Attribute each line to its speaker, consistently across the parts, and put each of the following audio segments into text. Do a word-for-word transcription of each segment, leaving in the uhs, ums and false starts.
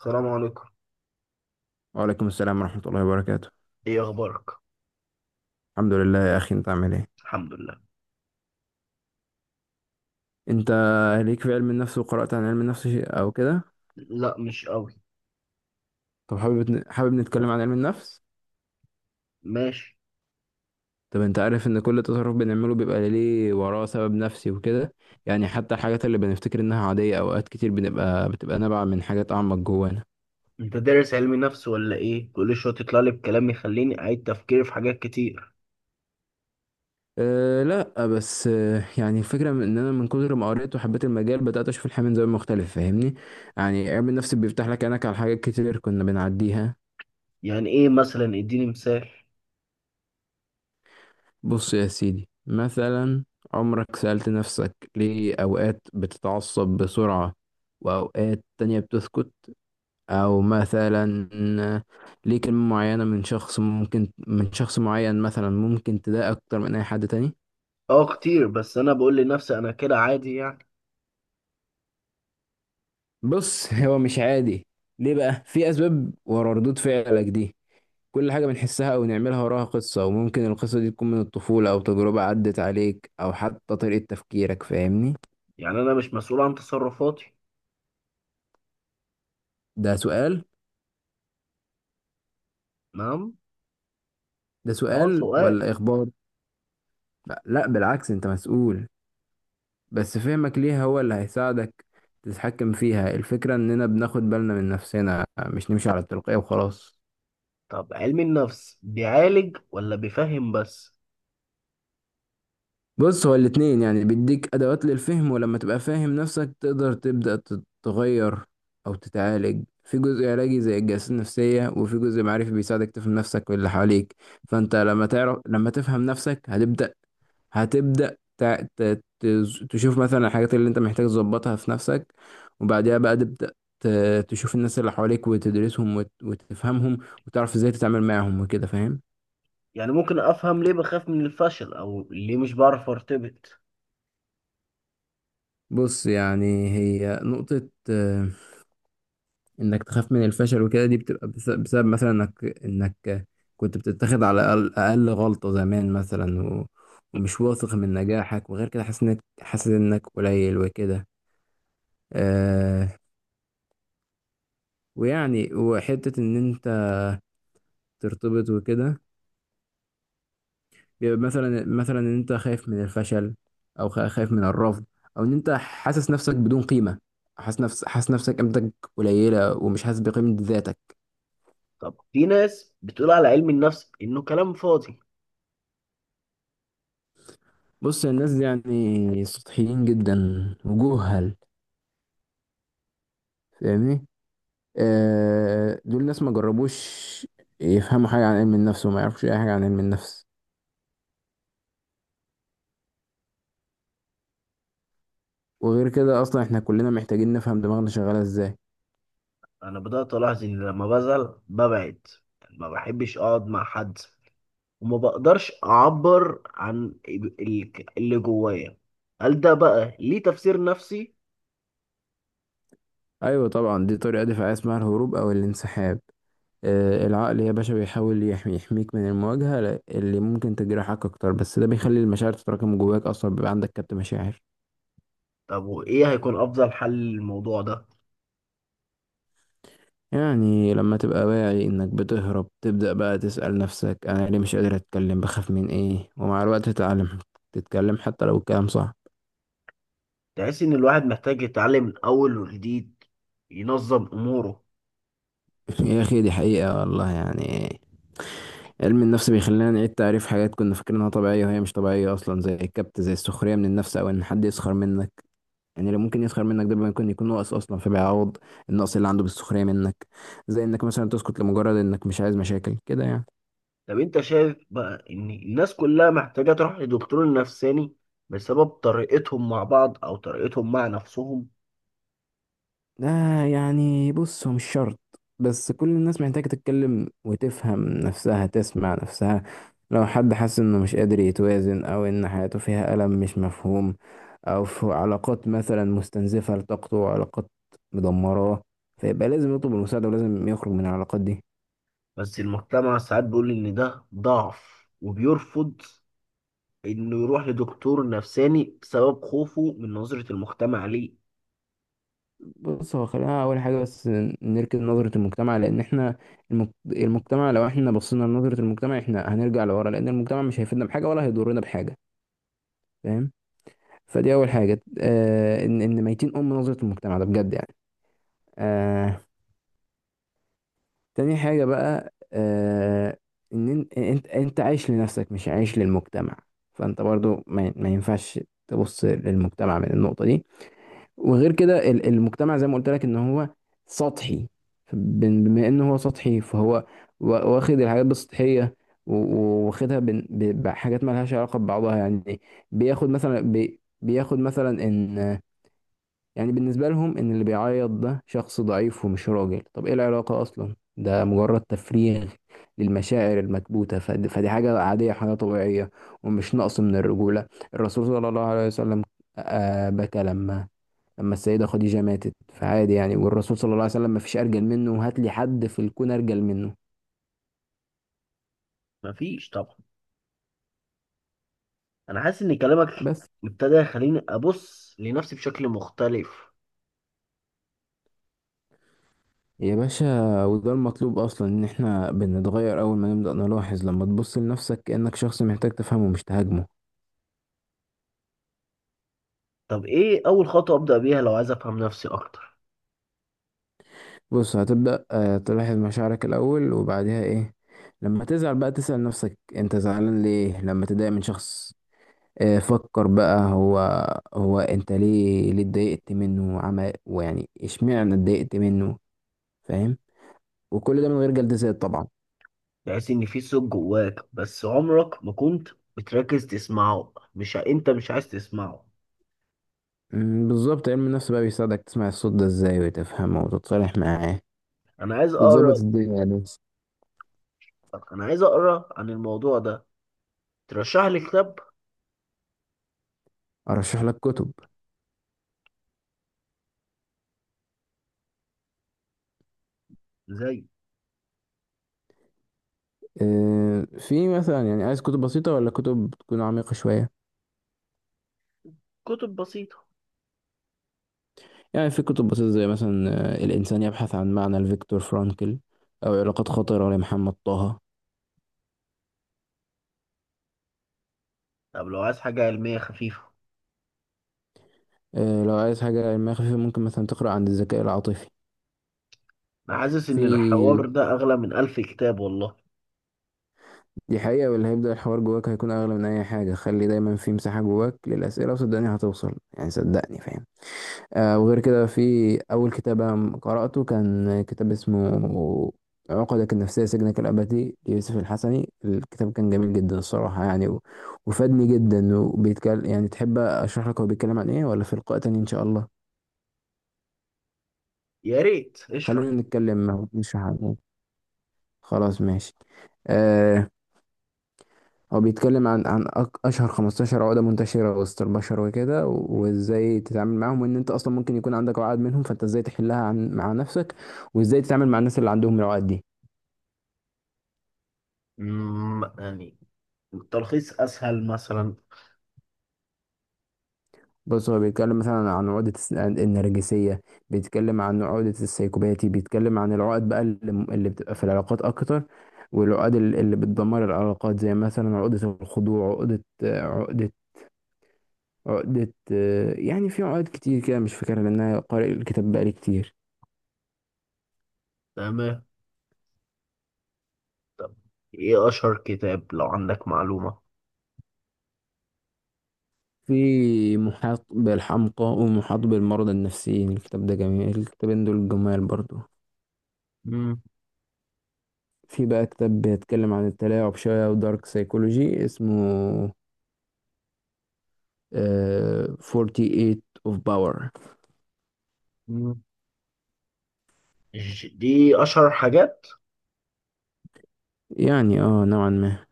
Speaker 1: السلام عليكم.
Speaker 2: وعليكم السلام ورحمة الله وبركاته.
Speaker 1: ايه اخبارك؟
Speaker 2: الحمد لله يا أخي، أنت عامل إيه؟
Speaker 1: الحمد لله.
Speaker 2: أنت ليك في علم النفس، وقرأت عن علم النفس شيء أو كده؟
Speaker 1: لا مش قوي.
Speaker 2: طب حابب حابب نتكلم عن علم النفس.
Speaker 1: ماشي.
Speaker 2: طب أنت عارف إن كل تصرف بنعمله بيبقى ليه وراه سبب نفسي وكده. يعني حتى الحاجات اللي بنفتكر إنها عادية، أوقات كتير بنبقى بتبقى نابعة من حاجات أعمق جوانا.
Speaker 1: انت دارس علم نفس ولا ايه؟ كل شويه تطلع لي بكلام يخليني اعيد تفكيري في حاجات كتير.
Speaker 2: أه لا بس، أه يعني الفكرة من إن أنا من كتر ما قريت وحبيت المجال، بدأت أشوف الحياة من زاوية مختلف، فاهمني؟ يعني علم النفس بيفتح لك عينك على حاجات كتير كنا بنعديها.
Speaker 1: يعني ايه مثلا؟ اديني مثال.
Speaker 2: بص يا سيدي، مثلا عمرك سألت نفسك ليه أوقات بتتعصب بسرعة وأوقات تانية بتسكت؟ أو مثلا، ليه كلمة معينة من شخص ممكن، من شخص معين مثلا، ممكن تضايق أكتر من أي حد تاني؟
Speaker 1: اه كتير، بس انا بقول لنفسي انا كده عادي يعني.
Speaker 2: بص هو مش عادي. ليه؟ بقى في أسباب ورا ردود فعلك دي. كل حاجة بنحسها أو نعملها وراها قصة، وممكن القصة دي تكون من الطفولة أو تجربة عدت عليك أو حتى طريقة تفكيرك، فاهمني؟
Speaker 1: يعني انا مش مسؤول عن تصرفاتي؟
Speaker 2: ده سؤال
Speaker 1: نعم.
Speaker 2: ده
Speaker 1: اه
Speaker 2: سؤال
Speaker 1: سؤال.
Speaker 2: ولا إخبار؟ لا بالعكس، أنت مسؤول، بس فهمك ليها هو اللي هيساعدك تتحكم فيها. الفكرة إننا بناخد بالنا من نفسنا، مش نمشي على التلقائي وخلاص.
Speaker 1: طب علم النفس بيعالج ولا بيفهم بس؟
Speaker 2: بص هو الاتنين، يعني بيديك أدوات للفهم، ولما تبقى فاهم نفسك تقدر تبدأ تتغير أو تتعالج. في جزء علاجي زي الجلسات النفسية، وفي جزء معرفي بيساعدك تفهم نفسك واللي حواليك. فأنت لما تعرف، لما تفهم نفسك، هتبدأ هتبدأ تع- ت- تز- تشوف مثلا الحاجات اللي انت محتاج تظبطها في نفسك. وبعدها بقى تبدأ ت- تشوف الناس اللي حواليك وتدرسهم وت- وتفهمهم، وتعرف ازاي تتعامل معاهم وكده، فاهم؟
Speaker 1: يعني ممكن افهم ليه بخاف من الفشل او ليه مش بعرف ارتبط؟
Speaker 2: بص يعني هي نقطة، آه، انك تخاف من الفشل وكده، دي بتبقى بس- بسبب مثلا انك انك كنت بتتخذ على اقل أقل غلطة زمان مثلا، و- ومش واثق من نجاحك، وغير كده حاسس انك حاسس انك قليل وكده. آه، ويعني وحتة ان انت ترتبط وكده، بيبقى مثلا مثلا ان انت خايف من الفشل، او خا- خايف من الرفض، او ان انت حاسس نفسك بدون قيمه. حاسس نفس حاسس نفسك قيمتك قليله ومش حاسس بقيمه ذاتك.
Speaker 1: طب في ناس بتقول على علم النفس انه كلام فاضي.
Speaker 2: بص الناس دي يعني سطحيين جدا، وجهل، فاهمني؟ آه دول ناس ما جربوش يفهموا حاجه عن علم النفس، وما يعرفوش اي حاجه عن علم النفس. وغير كده اصلا احنا كلنا محتاجين نفهم دماغنا شغاله ازاي.
Speaker 1: انا بدات الاحظ ان لما بزعل ببعد، يعني ما بحبش اقعد مع حد وما بقدرش اعبر عن ال- اللي جوايا. هل ده بقى ليه تفسير نفسي؟
Speaker 2: ايوه طبعا، دي طريقه دفاعيه اسمها الهروب او الانسحاب. آه، العقل يا باشا بيحاول يحمي، يحميك من المواجهة اللي ممكن تجرحك أكتر، بس ده بيخلي المشاعر تتراكم جواك، أصلا بيبقى عندك كبت مشاعر.
Speaker 1: طب وايه هيكون افضل حل للموضوع ده؟
Speaker 2: يعني لما تبقى واعي إنك بتهرب، تبدأ بقى تسأل نفسك: أنا ليه مش قادر أتكلم؟ بخاف من إيه؟ ومع الوقت تتعلم تتكلم حتى لو الكلام صح.
Speaker 1: تحس ان الواحد محتاج يتعلم من اول وجديد، ينظم اموره.
Speaker 2: يا أخي دي حقيقة والله، يعني علم النفس بيخلينا نعيد تعريف حاجات كنا فاكرينها طبيعية وهي مش طبيعية أصلا، زي الكبت، زي السخرية من النفس أو إن حد يسخر منك. يعني اللي ممكن يسخر منك ده ممكن يكون ناقص اصلا، فبيعوض النقص اللي عنده بالسخريه منك. زي انك مثلا تسكت لمجرد انك مش عايز مشاكل كده يعني.
Speaker 1: طب انت شايف بقى ان الناس كلها محتاجه تروح لدكتور نفساني بسبب طريقتهم مع بعض او طريقتهم مع نفسهم؟
Speaker 2: ده يعني بص هو مش شرط، بس كل الناس محتاجه تتكلم وتفهم نفسها، تسمع نفسها. لو حد حس انه مش قادر يتوازن، او ان حياته فيها الم مش مفهوم، او في علاقات مثلا مستنزفه لطاقته، وعلاقات مدمراه، فيبقى لازم يطلب المساعده، ولازم يخرج من العلاقات دي.
Speaker 1: بس المجتمع ساعات بيقول إن ده ضعف وبيرفض إنه يروح لدكتور نفساني بسبب خوفه من نظرة المجتمع ليه.
Speaker 2: بص هو، خلينا اول حاجه بس نركز نظره المجتمع. لان احنا، المج- المجتمع، لو احنا بصينا لنظره المجتمع احنا هنرجع لورا، لان المجتمع مش هيفيدنا بحاجه ولا هيضرنا بحاجه، فاهم؟ فدي اول حاجه، آه ان ان ميتين ام نظره المجتمع ده، بجد يعني. آه تاني حاجه بقى، آه ان إن- انت انت عايش لنفسك مش عايش للمجتمع. فانت برضو ما, ما ينفعش تبص للمجتمع من النقطه دي. وغير كده ال- المجتمع زي ما قلت لك ان هو سطحي. بن- بما ان هو سطحي، فهو وا- واخد الحاجات بالسطحيه، و- و- واخدها بن- ب- بحاجات ما لهاش علاقه ببعضها يعني. بياخد مثلا، بي بياخد مثلا ان يعني بالنسبه لهم ان اللي بيعيط ده شخص ضعيف ومش راجل. طب ايه العلاقه اصلا؟ ده مجرد تفريغ للمشاعر المكبوته. فد- فدي حاجه عاديه، حاجه طبيعيه، ومش نقص من الرجوله. الرسول صلى الله عليه وسلم آه، بكى لما لما السيدة خديجة ماتت، فعادي يعني. والرسول صلى الله عليه وسلم ما فيش أرجل منه، هات لي حد في الكون أرجل منه.
Speaker 1: مفيش طبعا. أنا حاسس إن كلامك
Speaker 2: بس
Speaker 1: ابتدى يخليني أبص لنفسي بشكل مختلف.
Speaker 2: يا باشا، وده المطلوب أصلا، إن إحنا بنتغير أول ما نبدأ نلاحظ. لما تبص لنفسك كأنك شخص محتاج تفهمه مش تهاجمه.
Speaker 1: طب إيه أول خطوة أبدأ بيها لو عايز أفهم نفسي أكتر؟
Speaker 2: بص هتبدأ آه، تلاحظ مشاعرك الأول، وبعدها إيه؟ لما تزعل بقى تسأل نفسك أنت زعلان ليه. لما تضايق من شخص، آه، فكر بقى، هو هو أنت ليه ليه اتضايقت منه وعمل، ويعني إشمعنى اتضايقت منه، فاهم؟ وكل ده من غير جلديات طبعا.
Speaker 1: تحس إن في صوت جواك بس عمرك ما كنت بتركز تسمعه، مش ع- أنت مش عايز تسمعه.
Speaker 2: مم، بالظبط، علم النفس بقى بيساعدك تسمع الصوت ده ازاي، وتفهمه، وتتصالح معاه،
Speaker 1: أنا عايز أقرأ.
Speaker 2: وتظبط الدنيا يعني.
Speaker 1: أنا عايز أقرأ عن الموضوع ده. ترشح لي كتاب؟
Speaker 2: ارشح لك كتب.
Speaker 1: زي.
Speaker 2: آه، في مثلا، يعني عايز كتب بسيطة ولا كتب تكون عميقة شوية؟
Speaker 1: كتب بسيطة.
Speaker 2: يعني في كتب بسيطة زي مثلا آه، الإنسان يبحث عن معنى لفيكتور فرانكل، أو علاقات خطرة لمحمد طه.
Speaker 1: طب لو عايز حاجة علمية خفيفة؟
Speaker 2: آه، لو عايز حاجة علمية خفيفة ممكن مثلا تقرأ عن الذكاء العاطفي.
Speaker 1: أنا حاسس إن
Speaker 2: في،
Speaker 1: الحوار ده أغلى من ألف كتاب والله.
Speaker 2: دي حقيقة، واللي هيبدأ الحوار جواك هيكون أغلى من أي حاجة. خلي دايما في مساحة جواك للأسئلة، وصدقني هتوصل يعني، صدقني، فاهم؟ آه وغير كده في، أول كتاب أنا قرأته كان كتاب اسمه عقدك النفسية سجنك الأبدي ليوسف الحسني. الكتاب كان جميل جدا الصراحة يعني، و- وفادني جدا. وبيتكلم يعني، تحب أشرح لك هو بيتكلم عن إيه ولا في لقاء تاني إن شاء الله؟
Speaker 1: يا ريت
Speaker 2: خلينا
Speaker 1: اشرح.
Speaker 2: نتكلم، نشرح عن إيه. خلاص ماشي. آه هو بيتكلم عن عن أك- اشهر خمستاشر عقده منتشره وسط البشر وكده، و- وازاي تتعامل معاهم، وان انت اصلا ممكن يكون عندك عقد منهم، فانت ازاي تحلها عن مع نفسك، وازاي تتعامل مع الناس اللي عندهم العقد دي.
Speaker 1: مم، يعني التلخيص أسهل مثلا؟
Speaker 2: بص هو بيتكلم مثلا عن عقدة الس- عن النرجسية، بيتكلم عن عقدة السيكوباتي، بيتكلم عن العقد بقى اللي م- اللي بتبقى في العلاقات أكتر، والعقد ال- اللي بتدمر العلاقات، زي مثلا عقدة الخضوع، عقدة عقدة عقدة، يعني في عقد كتير كده مش فاكرها لأن أنا قارئ الكتاب بقالي كتير.
Speaker 1: تمام. طب إيه أشهر كتاب لو عندك معلومة؟
Speaker 2: في محاط بالحمقى ومحاط بالمرضى النفسيين، الكتاب ده جميل، الكتابين دول جمال برضو.
Speaker 1: مم.
Speaker 2: في بقى كتاب بيتكلم عن التلاعب شوية ودارك سايكولوجي اسمه آه ثمانية وأربعين of Power.
Speaker 1: مم. ج- دي أشهر حاجات؟
Speaker 2: يعني اه نوعا ما.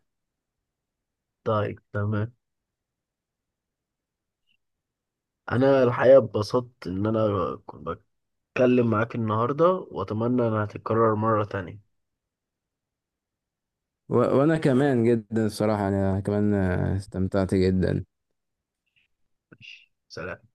Speaker 1: طيب تمام. أنا الحقيقة اتبسطت إن أنا كنت بتكلم معاك النهاردة، وأتمنى إنها تتكرر مرة تانية.
Speaker 2: و- وانا كمان جدا الصراحة، انا كمان آه، استمتعت جدا.
Speaker 1: ماشي. سلام.